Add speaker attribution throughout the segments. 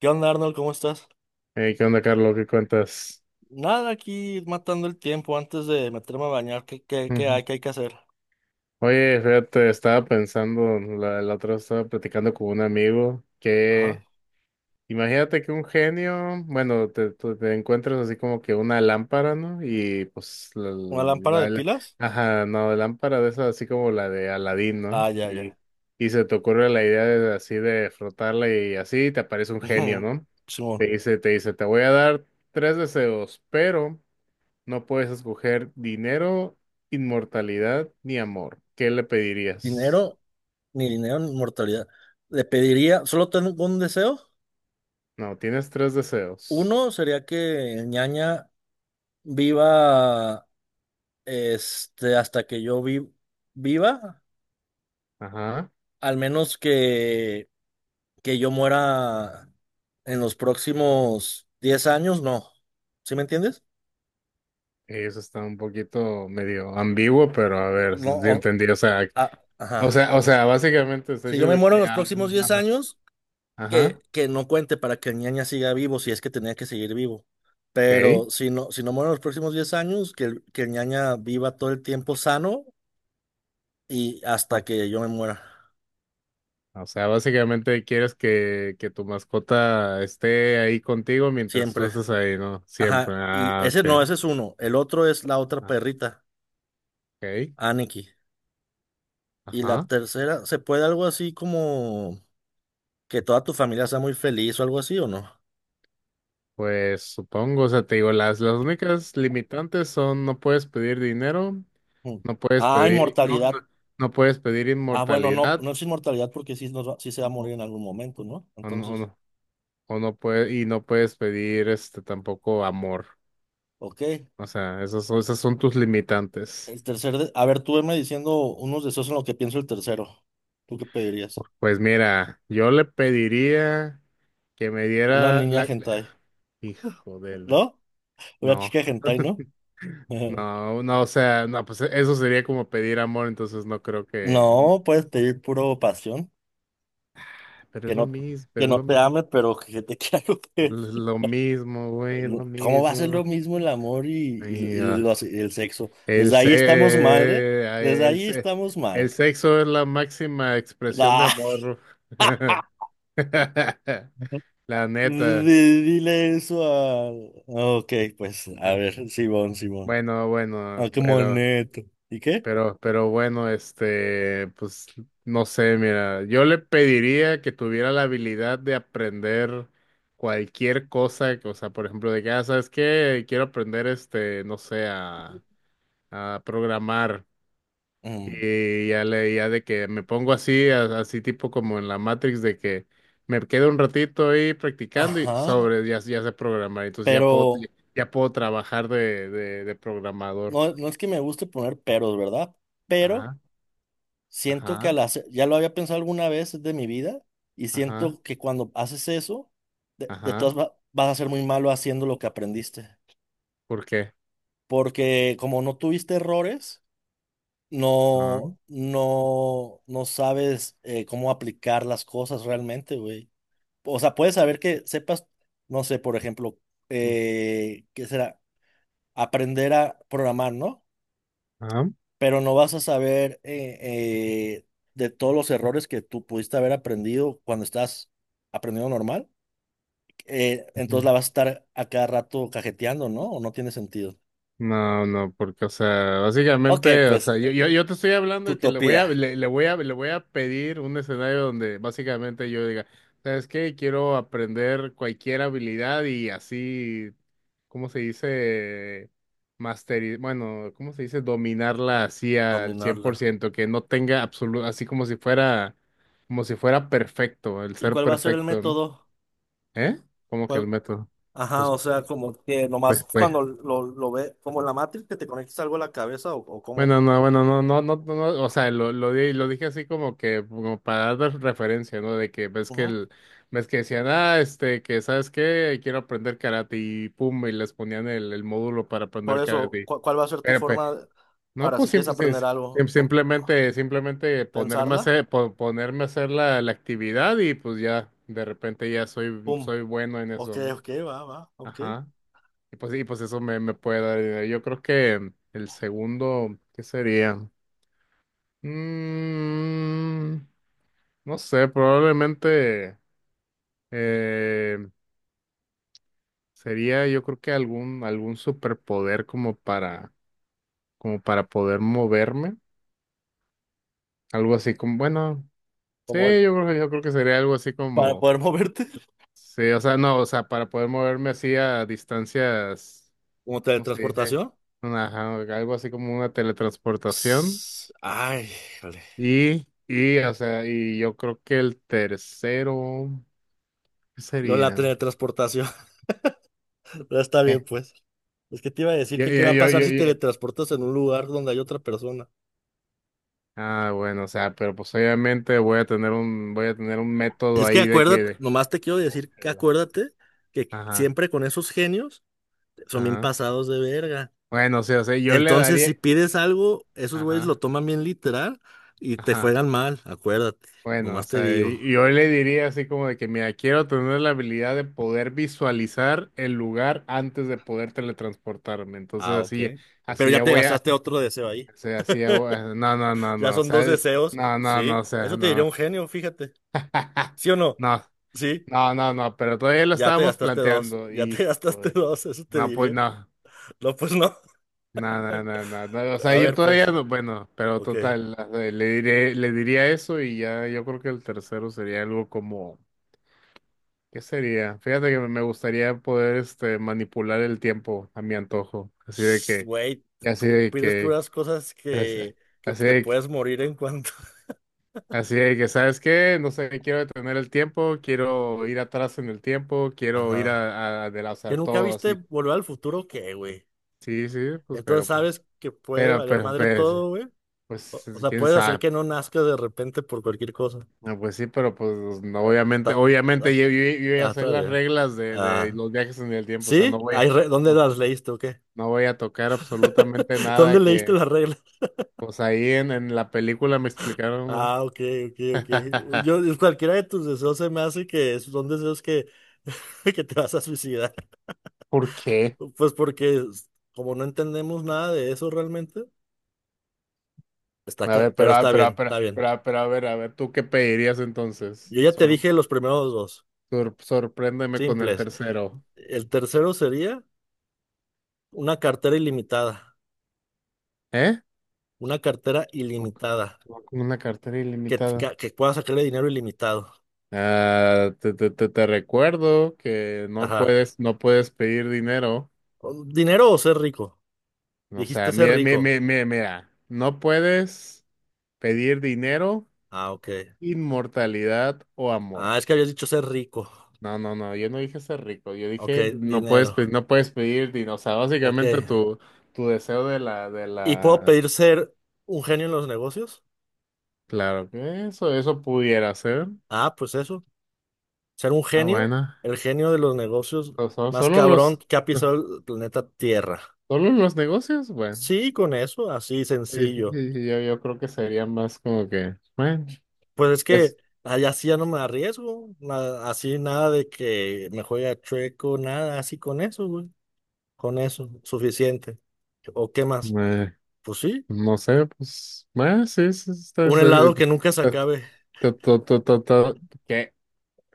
Speaker 1: ¿Qué onda, Arnold? ¿Cómo estás?
Speaker 2: Hey, ¿qué onda, Carlos? ¿Qué cuentas?
Speaker 1: Nada, aquí matando el tiempo antes de meterme a bañar. ¿Qué, qué, qué
Speaker 2: Ujú.
Speaker 1: hay, qué hay que hacer?
Speaker 2: Oye, fíjate, estaba pensando, la otra vez estaba platicando con un amigo
Speaker 1: Ajá.
Speaker 2: que, imagínate que un genio, bueno, tú te encuentras así como que una lámpara, ¿no? Y pues,
Speaker 1: ¿Una lámpara de
Speaker 2: la- la-
Speaker 1: pilas?
Speaker 2: ajá, no, lámpara de esas así como la de Aladín, ¿no?
Speaker 1: Ah, ya,
Speaker 2: Y,
Speaker 1: ya.
Speaker 2: y se te ocurre la idea de, así de frotarla y así te aparece un genio, ¿no?
Speaker 1: Simón.
Speaker 2: Te dice, te voy a dar tres deseos, pero... No puedes escoger dinero, inmortalidad ni amor. ¿Qué le
Speaker 1: Dinero,
Speaker 2: pedirías?
Speaker 1: dinero ni inmortalidad. Le pediría, solo tengo un deseo.
Speaker 2: No, tienes tres deseos.
Speaker 1: Uno sería que Ñaña viva hasta que viva,
Speaker 2: Ajá.
Speaker 1: al menos que yo muera en los próximos 10 años, no. ¿Sí me entiendes?
Speaker 2: Eso está un poquito medio ambiguo, pero a ver, si
Speaker 1: No, o-
Speaker 2: entendí. O sea,
Speaker 1: Ah,
Speaker 2: o
Speaker 1: ajá.
Speaker 2: sea, o sea, básicamente estoy
Speaker 1: Si yo me
Speaker 2: diciendo
Speaker 1: muero
Speaker 2: que...
Speaker 1: en los próximos diez
Speaker 2: Ajá.
Speaker 1: años,
Speaker 2: Ajá.
Speaker 1: que no cuente para que el ñaña siga vivo, si es que tenía que seguir vivo.
Speaker 2: Ok.
Speaker 1: Pero si no, si no muero en los próximos 10 años, que el ñaña viva todo el tiempo sano y
Speaker 2: Ah.
Speaker 1: hasta que yo me muera.
Speaker 2: O sea, básicamente quieres que tu mascota esté ahí contigo mientras tú
Speaker 1: Siempre.
Speaker 2: estés ahí, ¿no? Siempre.
Speaker 1: Ajá. Y
Speaker 2: Ah,
Speaker 1: ese
Speaker 2: ok.
Speaker 1: no, ese es uno. El otro es la otra
Speaker 2: Ah,
Speaker 1: perrita,
Speaker 2: ok.
Speaker 1: Aniki. Y la
Speaker 2: Ajá.
Speaker 1: tercera, ¿se puede algo así como que toda tu familia sea muy feliz o algo así o no?
Speaker 2: Pues supongo, o sea, te digo, las únicas limitantes son no puedes pedir dinero,
Speaker 1: Mm.
Speaker 2: no puedes
Speaker 1: Ah,
Speaker 2: pedir, no,
Speaker 1: inmortalidad.
Speaker 2: no, no puedes pedir
Speaker 1: Ah, bueno, no, no
Speaker 2: inmortalidad,
Speaker 1: es inmortalidad porque sí, sí se va a
Speaker 2: o,
Speaker 1: morir en algún momento, ¿no?
Speaker 2: o no, o
Speaker 1: Entonces,
Speaker 2: no, o no puede- y no puedes pedir este tampoco amor.
Speaker 1: ok.
Speaker 2: O sea, esas son tus limitantes.
Speaker 1: A ver, tú veme diciendo unos deseos en lo que pienso el tercero. ¿Tú qué pedirías?
Speaker 2: Pues mira, yo le pediría que me
Speaker 1: Una
Speaker 2: diera
Speaker 1: niña
Speaker 2: la
Speaker 1: hentai,
Speaker 2: hijo de la.
Speaker 1: ¿no? Una chica
Speaker 2: No.
Speaker 1: hentai, ¿no?
Speaker 2: No, no, o sea, no, pues eso sería como pedir amor, entonces no creo que,
Speaker 1: No, puedes pedir puro pasión,
Speaker 2: pero
Speaker 1: que
Speaker 2: es lo
Speaker 1: no,
Speaker 2: mismo,
Speaker 1: que no te ame, pero que te quiera
Speaker 2: es
Speaker 1: coger.
Speaker 2: lo mismo, güey, es
Speaker 1: No,
Speaker 2: lo
Speaker 1: ¿cómo va a ser
Speaker 2: mismo.
Speaker 1: lo mismo el amor
Speaker 2: Y, ah,
Speaker 1: y el sexo?
Speaker 2: el,
Speaker 1: Desde
Speaker 2: se
Speaker 1: ahí estamos mal, ¿eh?
Speaker 2: ah,
Speaker 1: Desde
Speaker 2: el,
Speaker 1: ahí
Speaker 2: se-
Speaker 1: estamos
Speaker 2: el
Speaker 1: mal.
Speaker 2: sexo es la máxima expresión de amor.
Speaker 1: Ah.
Speaker 2: La neta.
Speaker 1: Dile eso a... ah, ok, pues a
Speaker 2: Ah,
Speaker 1: ver, Simón, Simón.
Speaker 2: Bueno,
Speaker 1: Ah,
Speaker 2: bueno,
Speaker 1: qué
Speaker 2: pero
Speaker 1: moneto. ¿Y qué?
Speaker 2: pero bueno, este, pues no sé, mira, yo le pediría que tuviera la habilidad de aprender cualquier cosa, que, o sea, por ejemplo, de que, ¿sabes qué? Quiero aprender, este, no sé, a, programar.
Speaker 1: Mm,
Speaker 2: Y ya le, ya de que me pongo así, así tipo como en la Matrix, de que me quedo un ratito ahí practicando y
Speaker 1: ajá,
Speaker 2: sobre, ya sé programar, entonces
Speaker 1: pero
Speaker 2: ya puedo trabajar de, de programador.
Speaker 1: no es que me guste poner peros, ¿verdad? Pero
Speaker 2: Ajá,
Speaker 1: siento que
Speaker 2: ajá,
Speaker 1: al hacer, ya lo había pensado alguna vez de mi vida y
Speaker 2: ajá,
Speaker 1: siento que cuando haces eso, de
Speaker 2: ajá.
Speaker 1: vas a ser muy malo haciendo lo que aprendiste.
Speaker 2: ¿Por qué?
Speaker 1: Porque como no tuviste errores,
Speaker 2: Ah,
Speaker 1: no sabes cómo aplicar las cosas realmente, güey. O sea, puedes saber que sepas, no sé, por ejemplo,
Speaker 2: mm,
Speaker 1: ¿qué será? Aprender a programar, ¿no?
Speaker 2: ah,
Speaker 1: Pero no vas a saber eh, de todos los errores que tú pudiste haber aprendido cuando estás aprendiendo normal. Entonces
Speaker 2: ujú.
Speaker 1: la vas a estar a cada rato cajeteando, ¿no? O no tiene sentido.
Speaker 2: No, no, porque, o sea,
Speaker 1: Ok,
Speaker 2: básicamente, o
Speaker 1: pues,
Speaker 2: sea, yo te estoy hablando de que le voy
Speaker 1: utopía.
Speaker 2: a, le, le voy a pedir un escenario donde básicamente yo diga, ¿sabes qué? Quiero aprender cualquier habilidad y así, ¿cómo se dice? Masterizar, bueno, ¿cómo se dice? Dominarla así al cien
Speaker 1: Dominarla.
Speaker 2: por ciento, que no tenga absoluto, así como si fuera perfecto, el
Speaker 1: ¿Y
Speaker 2: ser
Speaker 1: cuál va a ser el
Speaker 2: perfecto, ¿no?
Speaker 1: método?
Speaker 2: ¿Eh? Como que
Speaker 1: ¿Cuál-
Speaker 2: el método.
Speaker 1: Ajá,
Speaker 2: Pues.
Speaker 1: o sea, como que
Speaker 2: Pues,
Speaker 1: nomás
Speaker 2: pues,
Speaker 1: cuando lo ve, como en la Matrix, que te conectes algo a la cabeza o como...
Speaker 2: bueno, no, bueno, no, no, no, no, no, o sea, lo dije así como que, como para dar referencia, ¿no? De que ves que decían, este, que, ¿sabes qué? Quiero aprender karate y pum, y les ponían el módulo para
Speaker 1: Por
Speaker 2: aprender
Speaker 1: eso,
Speaker 2: karate.
Speaker 1: ¿cuál va a ser tu
Speaker 2: Pero, pues,
Speaker 1: forma de
Speaker 2: no,
Speaker 1: para si
Speaker 2: pues,
Speaker 1: quieres
Speaker 2: simple, sim-
Speaker 1: aprender algo?
Speaker 2: sim-
Speaker 1: No,
Speaker 2: simplemente, simplemente ponerme a
Speaker 1: pensarla,
Speaker 2: hacer, ponerme a hacer la actividad y pues ya, de repente ya soy,
Speaker 1: pum,
Speaker 2: soy bueno en
Speaker 1: ok,
Speaker 2: eso, ¿no?
Speaker 1: ok, va, va, ok.
Speaker 2: Ajá. Y pues, eso me puede dar, idea. Yo creo que el segundo, ¿qué sería? Mm, no sé, probablemente eh, sería yo creo que algún superpoder como para poder moverme. Algo así como, bueno, sí,
Speaker 1: Como el-
Speaker 2: yo creo que sería algo así
Speaker 1: para
Speaker 2: como,
Speaker 1: poder moverte.
Speaker 2: sí, o sea, no, o sea, para poder moverme así a distancias,
Speaker 1: Como
Speaker 2: ¿cómo se dice?
Speaker 1: teletransportación.
Speaker 2: Ajá, algo así como una teletransportación.
Speaker 1: Ps, ay, híjole.
Speaker 2: Y, o sea, yo creo que el tercero, ¿qué
Speaker 1: Lo de la
Speaker 2: sería?
Speaker 1: teletransportación, pero está bien, pues. Es que te iba a decir
Speaker 2: Yo,
Speaker 1: que qué
Speaker 2: yo,
Speaker 1: va a
Speaker 2: yo,
Speaker 1: pasar
Speaker 2: yo,
Speaker 1: si
Speaker 2: yo-
Speaker 1: teletransportas en un lugar donde hay otra persona.
Speaker 2: bueno, o sea, pero pues obviamente voy a tener un, método
Speaker 1: Es que
Speaker 2: ahí de que
Speaker 1: acuérdate, nomás te quiero
Speaker 2: Ok.
Speaker 1: decir que
Speaker 2: la-
Speaker 1: acuérdate que
Speaker 2: Ajá,
Speaker 1: siempre con esos genios son bien
Speaker 2: ajá.
Speaker 1: pasados de verga.
Speaker 2: Bueno, o sea, yo le
Speaker 1: Entonces, si
Speaker 2: daría,
Speaker 1: pides algo, esos güeyes lo
Speaker 2: ajá,
Speaker 1: toman bien literal y te
Speaker 2: ajá.
Speaker 1: juegan mal, acuérdate,
Speaker 2: Bueno, o
Speaker 1: nomás te
Speaker 2: sea,
Speaker 1: digo.
Speaker 2: yo le diría así como de que, mira, quiero tener la habilidad de poder visualizar el lugar antes de poder teletransportarme. Entonces
Speaker 1: Ah, ok.
Speaker 2: así,
Speaker 1: Pero
Speaker 2: así
Speaker 1: ya
Speaker 2: ya
Speaker 1: te
Speaker 2: voy a,
Speaker 1: gastaste otro deseo ahí.
Speaker 2: o sea, así ya voy a- no, no, no,
Speaker 1: Ya
Speaker 2: no, o
Speaker 1: son dos
Speaker 2: sea,
Speaker 1: deseos,
Speaker 2: no, no, no,
Speaker 1: sí.
Speaker 2: o sea,
Speaker 1: Eso te diría
Speaker 2: no.
Speaker 1: un genio, fíjate. ¿Sí o no?
Speaker 2: No,
Speaker 1: Sí,
Speaker 2: no, no, no, pero todavía lo
Speaker 1: ya te
Speaker 2: estábamos
Speaker 1: gastaste dos,
Speaker 2: planteando
Speaker 1: ya te
Speaker 2: y,
Speaker 1: gastaste
Speaker 2: joder,
Speaker 1: dos, eso te
Speaker 2: no, pues
Speaker 1: diría.
Speaker 2: no,
Speaker 1: No, pues no.
Speaker 2: no, no, no, no, no, o sea,
Speaker 1: A
Speaker 2: yo
Speaker 1: ver,
Speaker 2: todavía
Speaker 1: pues,
Speaker 2: no, bueno, pero
Speaker 1: ok.
Speaker 2: total, le diría eso y ya yo creo que el tercero sería algo como, ¿qué sería? Fíjate que me gustaría poder, este, manipular el tiempo a mi antojo, así de
Speaker 1: Shh,
Speaker 2: que,
Speaker 1: güey,
Speaker 2: así
Speaker 1: tú
Speaker 2: de
Speaker 1: pides
Speaker 2: que,
Speaker 1: puras cosas
Speaker 2: así
Speaker 1: que
Speaker 2: así
Speaker 1: te
Speaker 2: de que,
Speaker 1: puedes morir en cuanto.
Speaker 2: así de que, ¿sabes qué? No sé, quiero detener el tiempo, quiero ir atrás en el tiempo, quiero ir
Speaker 1: Ajá.
Speaker 2: o sea,
Speaker 1: ¿Que nunca
Speaker 2: todo
Speaker 1: viste
Speaker 2: así.
Speaker 1: Volver al Futuro? ¿Qué, güey?
Speaker 2: Sí, sí, pues,
Speaker 1: Entonces
Speaker 2: pero, pues,
Speaker 1: sabes que puede
Speaker 2: pero,
Speaker 1: valer
Speaker 2: pero,
Speaker 1: madre
Speaker 2: pues,
Speaker 1: todo, güey. O
Speaker 2: pues,
Speaker 1: sea,
Speaker 2: quién
Speaker 1: puedes hacer
Speaker 2: sabe.
Speaker 1: que no nazca de repente por cualquier cosa.
Speaker 2: No, pues sí, pero pues, no,
Speaker 1: Ah,
Speaker 2: obviamente,
Speaker 1: ta- ah,
Speaker 2: obviamente yo voy a
Speaker 1: ah,
Speaker 2: hacer
Speaker 1: está
Speaker 2: las
Speaker 1: bien.
Speaker 2: reglas de,
Speaker 1: Ah,
Speaker 2: los viajes en el tiempo, o sea,
Speaker 1: ¿sí? Ay, ¿dónde
Speaker 2: no,
Speaker 1: las leíste o qué?
Speaker 2: no voy a tocar absolutamente nada
Speaker 1: ¿Dónde leíste
Speaker 2: que,
Speaker 1: las reglas?
Speaker 2: pues ahí en la película me explicaron, bro.
Speaker 1: Ah, ok, ok, ok. Yo, cualquiera de tus deseos se me hace que son deseos que, que te vas a suicidar.
Speaker 2: ¿Por qué?
Speaker 1: Pues porque como no entendemos nada de eso realmente, está
Speaker 2: A
Speaker 1: acá,
Speaker 2: ver,
Speaker 1: pero está bien, está bien.
Speaker 2: a ver, a ver, ¿tú qué pedirías entonces?
Speaker 1: Yo ya te
Speaker 2: Sor,
Speaker 1: dije los primeros dos,
Speaker 2: sor- sorpréndeme con el
Speaker 1: simples.
Speaker 2: tercero,
Speaker 1: El tercero sería... Una cartera ilimitada.
Speaker 2: ¿eh?
Speaker 1: Una cartera
Speaker 2: Ok,
Speaker 1: ilimitada.
Speaker 2: con una cartera ilimitada.
Speaker 1: Que pueda sacarle dinero ilimitado.
Speaker 2: Ah, te recuerdo que no
Speaker 1: Ajá.
Speaker 2: puedes, no puedes pedir dinero.
Speaker 1: ¿Dinero o ser rico?
Speaker 2: O
Speaker 1: Dijiste
Speaker 2: sea,
Speaker 1: ser
Speaker 2: mira, mira,
Speaker 1: rico.
Speaker 2: mira, mira, mira. No puedes pedir dinero,
Speaker 1: Ah, ok.
Speaker 2: inmortalidad o
Speaker 1: Ah,
Speaker 2: amor.
Speaker 1: es que habías dicho ser rico.
Speaker 2: No, no, no, yo no dije ser rico, yo
Speaker 1: Ok,
Speaker 2: dije no puedes,
Speaker 1: dinero.
Speaker 2: no puedes pedir dinero. O sea,
Speaker 1: Ok.
Speaker 2: básicamente tu deseo de la, de
Speaker 1: ¿Y puedo
Speaker 2: la,
Speaker 1: pedir ser un genio en los negocios?
Speaker 2: claro que eso pudiera ser.
Speaker 1: Ah, pues eso. Ser un
Speaker 2: Ah,
Speaker 1: genio,
Speaker 2: bueno.
Speaker 1: el genio de los negocios
Speaker 2: So- so-
Speaker 1: más
Speaker 2: Solo
Speaker 1: cabrón
Speaker 2: los,
Speaker 1: que ha pisado el planeta Tierra.
Speaker 2: solo los negocios, bueno.
Speaker 1: Sí, con eso, así sencillo.
Speaker 2: Yo creo que sería más como que, bueno.
Speaker 1: Pues es que
Speaker 2: Pues,
Speaker 1: allá sí ya no me arriesgo, así nada de que me juegue chueco, nada, así con eso, güey, con eso, suficiente. ¿O qué más?
Speaker 2: eh,
Speaker 1: Pues sí,
Speaker 2: no sé, pues, sí, sí, está,
Speaker 1: un helado que nunca se
Speaker 2: está-
Speaker 1: acabe,
Speaker 2: está- está- está- está- está- ¿qué?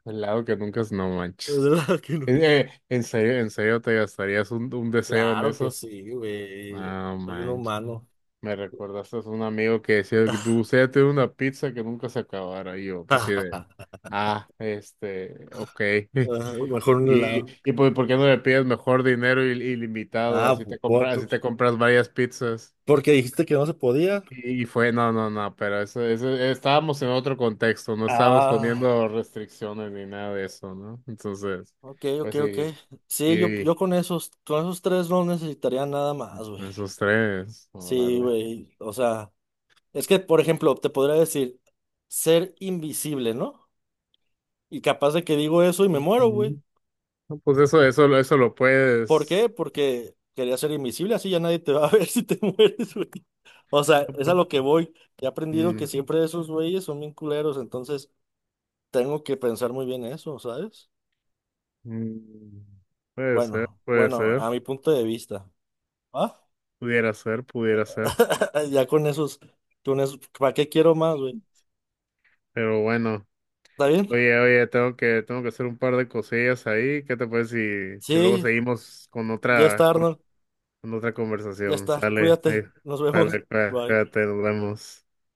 Speaker 2: El lado que nunca es, no
Speaker 1: un
Speaker 2: manches.
Speaker 1: helado que nunca se-
Speaker 2: En serio te gastarías un deseo en
Speaker 1: Claro que
Speaker 2: eso?
Speaker 1: sí, güey,
Speaker 2: No
Speaker 1: soy un
Speaker 2: manches.
Speaker 1: humano.
Speaker 2: Me recordaste a un amigo que decía que me gustaría tener una pizza que nunca se acabara. Y yo, pues sí, de, este, ok.
Speaker 1: Ah, mejor un
Speaker 2: Y,
Speaker 1: helado.
Speaker 2: y pues, ¿por qué no le pides mejor dinero ilimitado?
Speaker 1: Ah,
Speaker 2: Así
Speaker 1: pu-
Speaker 2: te
Speaker 1: pu-
Speaker 2: compras, así
Speaker 1: pu-
Speaker 2: te compras varias pizzas.
Speaker 1: Porque dijiste que no se podía.
Speaker 2: No, no, no, pero eso, estábamos en otro contexto, no estábamos
Speaker 1: Ah,
Speaker 2: poniendo restricciones ni nada de eso, ¿no? Entonces,
Speaker 1: ok, ok,
Speaker 2: pues
Speaker 1: ok.
Speaker 2: sí,
Speaker 1: Sí,
Speaker 2: y
Speaker 1: yo con esos tres no necesitaría nada más, güey.
Speaker 2: esos tres,
Speaker 1: Sí,
Speaker 2: órale.
Speaker 1: güey, o sea. Es que, por ejemplo, te podría decir ser invisible, ¿no? Y capaz de que digo eso y me muero, güey.
Speaker 2: Ujú. No, pues eso, eso lo
Speaker 1: ¿Por
Speaker 2: puedes,
Speaker 1: qué? Porque quería ser invisible, así ya nadie te va a ver si te mueres, güey. O sea,
Speaker 2: no,
Speaker 1: es a
Speaker 2: pues,
Speaker 1: lo que voy. He aprendido que
Speaker 2: mm,
Speaker 1: siempre esos güeyes son bien culeros, entonces tengo que pensar muy bien eso, ¿sabes?
Speaker 2: mm,
Speaker 1: Bueno,
Speaker 2: puede
Speaker 1: bueno,
Speaker 2: ser,
Speaker 1: a mi punto de vista. ¿Ah?
Speaker 2: pudiera ser, pudiera ser,
Speaker 1: Ya con esos, ¿para qué quiero más, güey?
Speaker 2: pero bueno,
Speaker 1: ¿Está bien?
Speaker 2: oye, tengo que hacer un par de cosillas ahí, ¿qué te parece si, luego
Speaker 1: Sí,
Speaker 2: seguimos con
Speaker 1: ya
Speaker 2: otra?
Speaker 1: está, Arnold.
Speaker 2: En otra
Speaker 1: Ya
Speaker 2: conversación.
Speaker 1: está.
Speaker 2: Sale, ahí,
Speaker 1: Cuídate. Nos vemos.
Speaker 2: sale, cuá-
Speaker 1: Bye.
Speaker 2: cuídate, nos vemos.